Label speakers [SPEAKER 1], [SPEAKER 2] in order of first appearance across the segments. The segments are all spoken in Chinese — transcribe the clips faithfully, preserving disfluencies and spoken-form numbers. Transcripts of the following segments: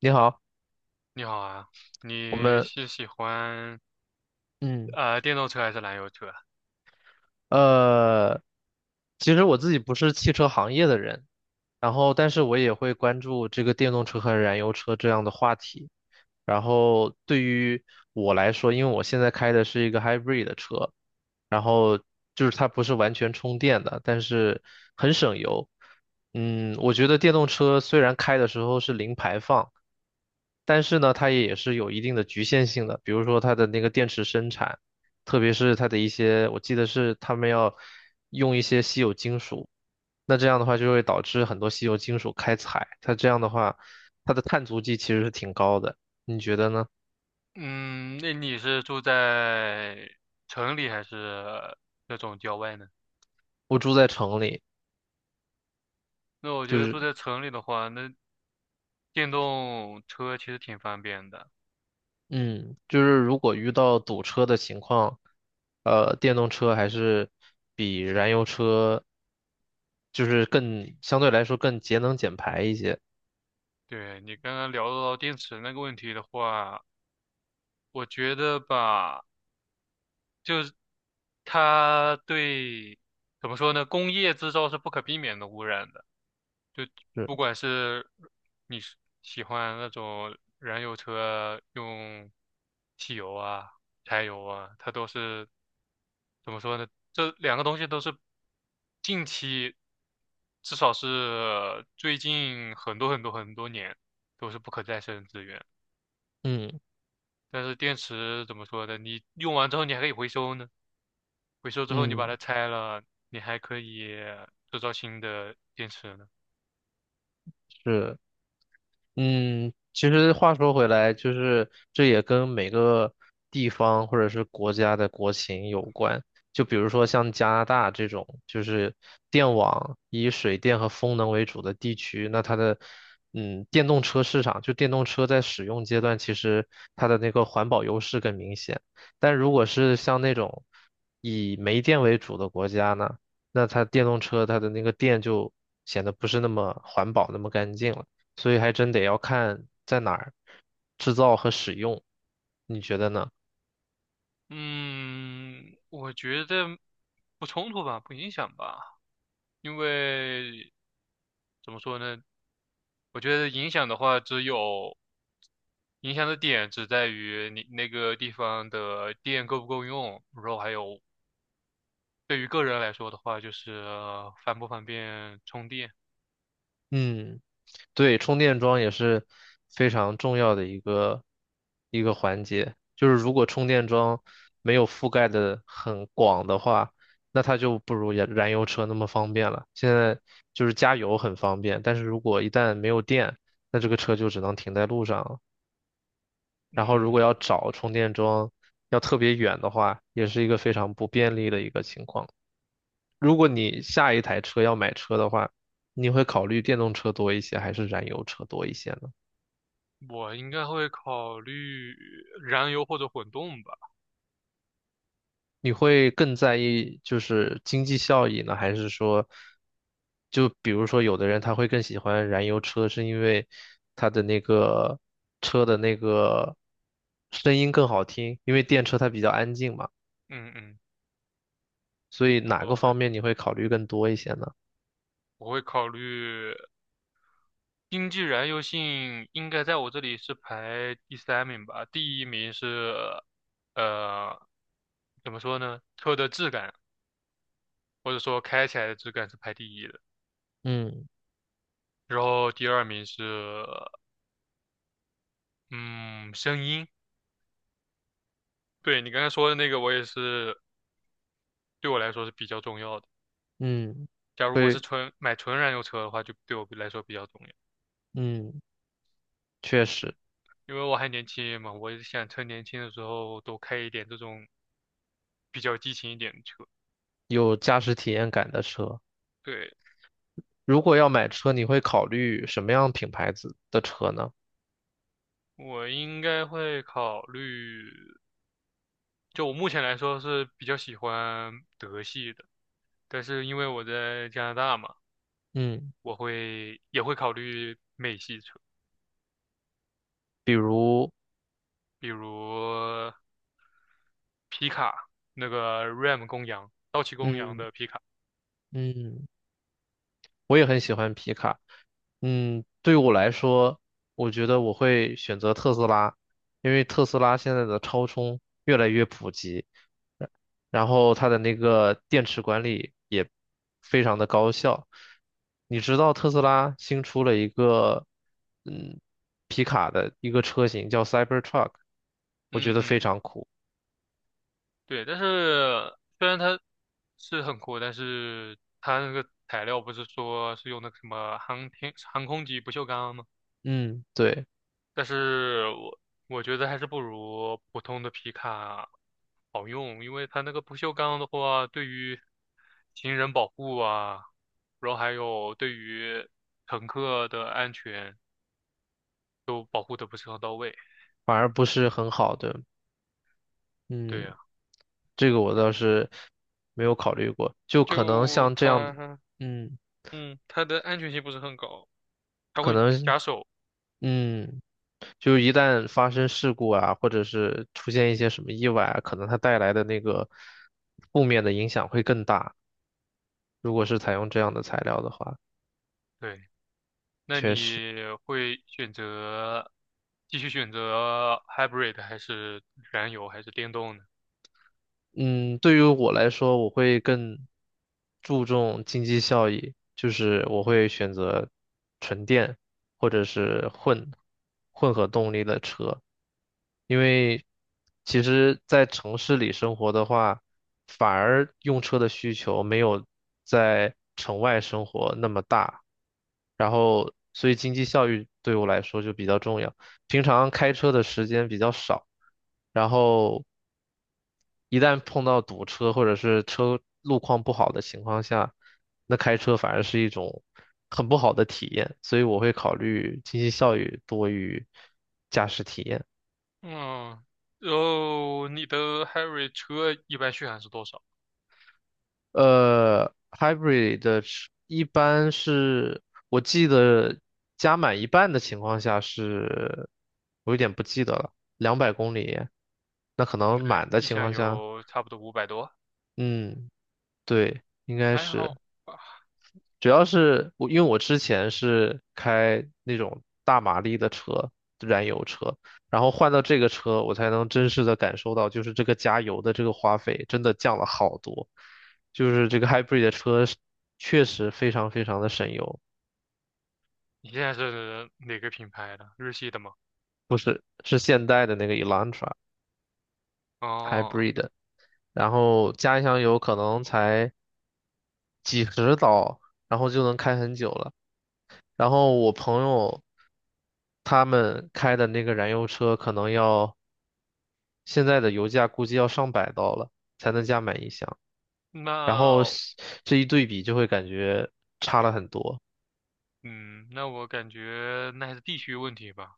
[SPEAKER 1] 你好，
[SPEAKER 2] 你好啊，
[SPEAKER 1] 我
[SPEAKER 2] 你
[SPEAKER 1] 们
[SPEAKER 2] 是喜欢
[SPEAKER 1] 嗯
[SPEAKER 2] 呃电动车还是燃油车？
[SPEAKER 1] 呃，其实我自己不是汽车行业的人，然后但是我也会关注这个电动车和燃油车这样的话题。然后对于我来说，因为我现在开的是一个 hybrid 的车，然后就是它不是完全充电的，但是很省油。嗯，我觉得电动车虽然开的时候是零排放。但是呢，它也是有一定的局限性的，比如说它的那个电池生产，特别是它的一些，我记得是他们要用一些稀有金属，那这样的话就会导致很多稀有金属开采，它这样的话，它的碳足迹其实是挺高的，你觉得呢？
[SPEAKER 2] 嗯，那你是住在城里还是那种郊外呢？
[SPEAKER 1] 我住在城里，
[SPEAKER 2] 那我觉
[SPEAKER 1] 就
[SPEAKER 2] 得
[SPEAKER 1] 是
[SPEAKER 2] 住在城里的话，那电动车其实挺方便的。
[SPEAKER 1] 嗯，就是如果遇到堵车的情况，呃，电动车还是比燃油车就是更相对来说更节能减排一些，
[SPEAKER 2] 对，你刚刚聊到电池那个问题的话，我觉得吧，就是它对，怎么说呢，工业制造是不可避免的污染的。
[SPEAKER 1] 是
[SPEAKER 2] 不管是你是喜欢那种燃油车用汽油啊、柴油啊，它都是怎么说呢？这两个东西都是近期，至少是最近很多很多很多年都是不可再生资源。
[SPEAKER 1] 嗯。
[SPEAKER 2] 但是电池怎么说呢？你用完之后你还可以回收呢，回收之后你把
[SPEAKER 1] 嗯，
[SPEAKER 2] 它拆了，你还可以制造新的电池呢。
[SPEAKER 1] 是。嗯，其实话说回来，就是这也跟每个地方或者是国家的国情有关。就比如说像加拿大这种，就是电网以水电和风能为主的地区，那它的嗯电动车市场，就电动车在使用阶段，其实它的那个环保优势更明显。但如果是像那种以煤电为主的国家呢，那它电动车它的那个电就显得不是那么环保，那么干净了。所以还真得要看在哪儿制造和使用，你觉得呢？
[SPEAKER 2] 嗯，我觉得不冲突吧，不影响吧，因为怎么说呢？我觉得影响的话，只有影响的点只在于你那个地方的电够不够用，然后还有对于个人来说的话，就是方不方便充电。
[SPEAKER 1] 嗯，对，充电桩也是非常重要的一个一个环节。就是如果充电桩没有覆盖的很广的话，那它就不如燃燃油车那么方便了。现在就是加油很方便，但是如果一旦没有电，那这个车就只能停在路上了。然后如果
[SPEAKER 2] 嗯，
[SPEAKER 1] 要找充电桩，要特别远的话，也是一个非常不便利的一个情况。如果你下一台车要买车的话，你会考虑电动车多一些，还是燃油车多一些呢？
[SPEAKER 2] 我应该会考虑燃油或者混动吧。
[SPEAKER 1] 你会更在意就是经济效益呢，还是说，就比如说有的人他会更喜欢燃油车，是因为他的那个车的那个声音更好听，因为电车它比较安静嘛，
[SPEAKER 2] 嗯嗯，
[SPEAKER 1] 所以哪个方
[SPEAKER 2] 我
[SPEAKER 1] 面你会考虑更多一些呢？
[SPEAKER 2] 我会考虑。经济燃油性应该在我这里是排第三名吧，第一名是呃，怎么说呢？车的质感或者说开起来的质感是排第一的，
[SPEAKER 1] 嗯
[SPEAKER 2] 然后第二名是嗯声音。对你刚才说的那个，我也是对我来说是比较重要的。
[SPEAKER 1] 嗯，
[SPEAKER 2] 假如我
[SPEAKER 1] 会
[SPEAKER 2] 是纯买纯燃油车的话，就对我来说比较重要，
[SPEAKER 1] 嗯，确实
[SPEAKER 2] 因为我还年轻嘛，我也想趁年轻的时候多开一点这种比较激情一点的车。
[SPEAKER 1] 有驾驶体验感的车。
[SPEAKER 2] 对，
[SPEAKER 1] 如果要买车，你会考虑什么样品牌子的车呢？
[SPEAKER 2] 我应该会考虑，就我目前来说是比较喜欢德系的，但是因为我在加拿大嘛，
[SPEAKER 1] 嗯，
[SPEAKER 2] 我会也会考虑美系车，
[SPEAKER 1] 比如，
[SPEAKER 2] 比如皮卡，那个 Ram 公羊，道奇公羊
[SPEAKER 1] 嗯
[SPEAKER 2] 的皮卡。
[SPEAKER 1] 嗯。我也很喜欢皮卡。嗯，对我来说，我觉得我会选择特斯拉，因为特斯拉现在的超充越来越普及，呃然后它的那个电池管理也非常的高效。你知道特斯拉新出了一个嗯皮卡的一个车型叫 Cybertruck，我觉
[SPEAKER 2] 嗯
[SPEAKER 1] 得非
[SPEAKER 2] 嗯，
[SPEAKER 1] 常酷。
[SPEAKER 2] 对，但是虽然它是很酷，但是它那个材料不是说是用那个什么航天航空级不锈钢吗？
[SPEAKER 1] 嗯，对，
[SPEAKER 2] 但是我我觉得还是不如普通的皮卡好用，因为它那个不锈钢的话，对于行人保护啊，然后还有对于乘客的安全都保护的不是很到位。
[SPEAKER 1] 反而不是很好的。
[SPEAKER 2] 对
[SPEAKER 1] 嗯。
[SPEAKER 2] 呀，
[SPEAKER 1] 这个我倒是没有考虑过，就可能
[SPEAKER 2] 就
[SPEAKER 1] 像这样的，
[SPEAKER 2] 它，
[SPEAKER 1] 嗯，
[SPEAKER 2] 嗯，它的安全性不是很高，它
[SPEAKER 1] 可
[SPEAKER 2] 会
[SPEAKER 1] 能，
[SPEAKER 2] 夹手。
[SPEAKER 1] 嗯，就一旦发生事故啊，或者是出现一些什么意外啊，可能它带来的那个负面的影响会更大。如果是采用这样的材料的话，
[SPEAKER 2] 对，那
[SPEAKER 1] 确实。
[SPEAKER 2] 你会选择继续选择 hybrid 还是燃油还是电动呢？
[SPEAKER 1] 嗯，对于我来说，我会更注重经济效益，就是我会选择纯电或者是混混合动力的车，因为其实，在城市里生活的话，反而用车的需求没有在城外生活那么大，然后所以经济效益对我来说就比较重要。平常开车的时间比较少，然后一旦碰到堵车或者是车路况不好的情况下，那开车反而是一种很不好的体验，所以我会考虑经济效益多于驾驶体验。
[SPEAKER 2] 嗯，然后你的 hybrid 车一般续航是多少？
[SPEAKER 1] 呃，hybrid 的是一般是我记得加满一半的情况下是，我有点不记得了，两百公里，那可能
[SPEAKER 2] 呃，
[SPEAKER 1] 满的
[SPEAKER 2] 一
[SPEAKER 1] 情
[SPEAKER 2] 箱
[SPEAKER 1] 况下，
[SPEAKER 2] 油差不多五百多，
[SPEAKER 1] 嗯，对，应该
[SPEAKER 2] 还
[SPEAKER 1] 是。
[SPEAKER 2] 好吧。
[SPEAKER 1] 主要是我，因为我之前是开那种大马力的车，燃油车，然后换到这个车，我才能真实的感受到，就是这个加油的这个花费真的降了好多，就是这个 hybrid 的车是确实非常非常的省油，
[SPEAKER 2] 你现在是哪个品牌的？日系的吗？
[SPEAKER 1] 是现代的那个 Elantra
[SPEAKER 2] 哦，
[SPEAKER 1] hybrid，然后加一箱油可能才几十刀，然后就能开很久了。然后我朋友他们开的那个燃油车可能要。现在的油价估计要上百刀了才能加满一箱，然后
[SPEAKER 2] 那
[SPEAKER 1] 西这一对比就会感觉差了很多。
[SPEAKER 2] 嗯，那我感觉那还是地区问题吧，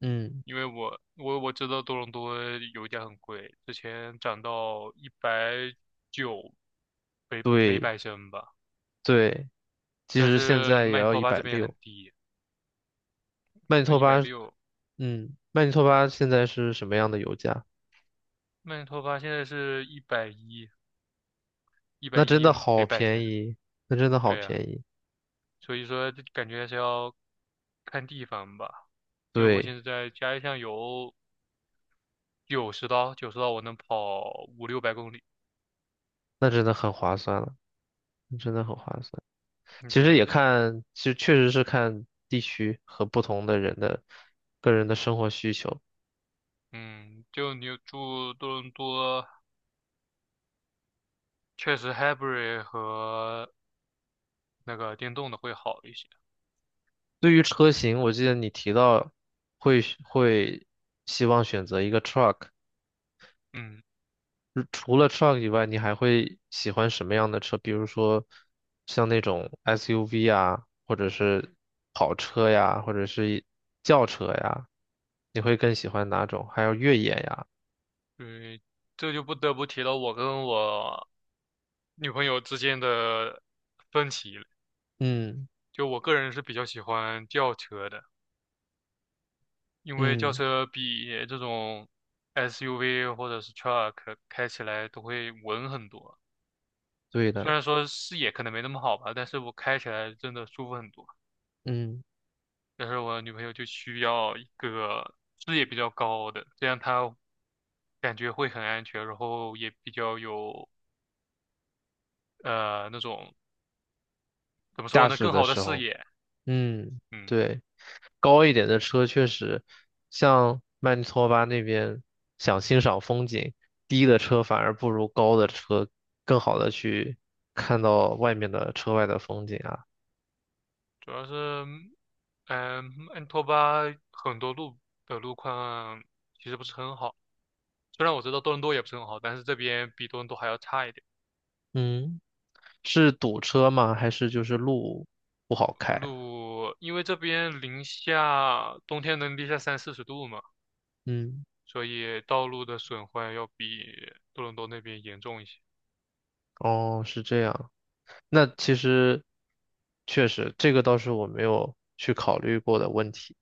[SPEAKER 1] 嗯，
[SPEAKER 2] 因为我我我知道多伦多油价很贵，之前涨到一百九每每
[SPEAKER 1] 对
[SPEAKER 2] 百升吧，
[SPEAKER 1] 对，其
[SPEAKER 2] 但
[SPEAKER 1] 实现
[SPEAKER 2] 是
[SPEAKER 1] 在也
[SPEAKER 2] 曼尼
[SPEAKER 1] 要
[SPEAKER 2] 托
[SPEAKER 1] 一
[SPEAKER 2] 巴
[SPEAKER 1] 百
[SPEAKER 2] 这边很
[SPEAKER 1] 六。
[SPEAKER 2] 低，
[SPEAKER 1] 曼尼
[SPEAKER 2] 那
[SPEAKER 1] 托
[SPEAKER 2] 一百
[SPEAKER 1] 巴，
[SPEAKER 2] 六
[SPEAKER 1] 嗯，曼尼托
[SPEAKER 2] 一百，
[SPEAKER 1] 巴现在是什么样的油价？
[SPEAKER 2] 曼尼托巴现在是一百一一百
[SPEAKER 1] 那真
[SPEAKER 2] 一
[SPEAKER 1] 的好
[SPEAKER 2] 每百升，
[SPEAKER 1] 便宜，那真的好
[SPEAKER 2] 对呀、
[SPEAKER 1] 便宜，
[SPEAKER 2] 所以说这感觉还是要看地方吧，因为我现
[SPEAKER 1] 对，
[SPEAKER 2] 在在家里上有九十刀，九十刀我能跑五六百公里。
[SPEAKER 1] 那真的很划算了，那真的很划算。
[SPEAKER 2] 嗯
[SPEAKER 1] 其实
[SPEAKER 2] 对，
[SPEAKER 1] 也
[SPEAKER 2] 那
[SPEAKER 1] 看，其实确实是看地区和不同的人的个人的生活需求。
[SPEAKER 2] 嗯，就你住多伦多，确实 hybrid 和那个电动的会好一些。
[SPEAKER 1] 对于车型，我记得你提到会会希望选择一个 truck，
[SPEAKER 2] 嗯，
[SPEAKER 1] 如除了 truck 以外，你还会喜欢什么样的车？比如说像那种 S U V 啊，或者是跑车呀，或者是一轿车呀，你会更喜欢哪种？还有越野呀？
[SPEAKER 2] 对，这就不得不提到我跟我女朋友之间的分歧了。
[SPEAKER 1] 嗯
[SPEAKER 2] 就我个人是比较喜欢轿车的。因为轿
[SPEAKER 1] 嗯，
[SPEAKER 2] 车比这种 S U V 或者是 truck 开起来都会稳很多，
[SPEAKER 1] 对的，
[SPEAKER 2] 虽然说视野可能没那么好吧，但是我开起来真的舒服很多。
[SPEAKER 1] 嗯，
[SPEAKER 2] 但是我女朋友就需要一个视野比较高的，这样她感觉会很安全，然后也比较有呃那种怎么
[SPEAKER 1] 驾
[SPEAKER 2] 说呢，
[SPEAKER 1] 驶
[SPEAKER 2] 更
[SPEAKER 1] 的
[SPEAKER 2] 好的
[SPEAKER 1] 时
[SPEAKER 2] 视
[SPEAKER 1] 候。
[SPEAKER 2] 野。
[SPEAKER 1] 嗯，
[SPEAKER 2] 嗯，
[SPEAKER 1] 对，高一点的车确实，像曼尼托巴那边想欣赏风景，低的车反而不如高的车更好的去看到外面的车外的风景啊。
[SPEAKER 2] 主要是呃嗯，安托巴很多路的路况其实不是很好。虽然我知道多伦多也不是很好，但是这边比多伦多还要差一点。
[SPEAKER 1] 嗯，是堵车吗？还是就是路不好开？
[SPEAKER 2] 路，因为这边零下，冬天能零下三四十度嘛，
[SPEAKER 1] 嗯，
[SPEAKER 2] 所以道路的损坏要比多伦多那边严重一些。
[SPEAKER 1] 哦，是这样。那其实确实，这个倒是我没有去考虑过的问题。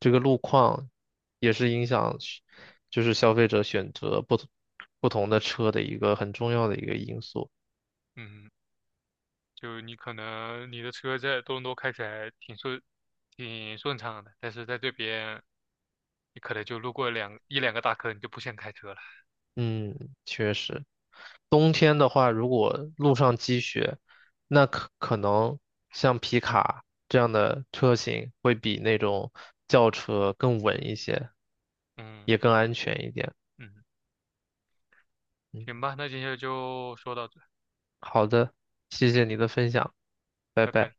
[SPEAKER 1] 这个路况也是影响是就是消费者选择不同不同的车的一个很重要的一个因素。
[SPEAKER 2] 嗯，就你可能你的车在多伦多开起来挺顺，挺顺畅的，但是在这边你可能就路过两一两个大坑，你就不想开车了。
[SPEAKER 1] 嗯，确实，冬天的话，如果路上积雪，那可可能像皮卡这样的车型会比那种轿车更稳一些，
[SPEAKER 2] 嗯
[SPEAKER 1] 也更安全一点。
[SPEAKER 2] 嗯，
[SPEAKER 1] 嗯，
[SPEAKER 2] 行吧，那今天就说到这。
[SPEAKER 1] 好的，谢谢你
[SPEAKER 2] 嗯，
[SPEAKER 1] 的分享。拜
[SPEAKER 2] 拜
[SPEAKER 1] 拜。
[SPEAKER 2] 拜。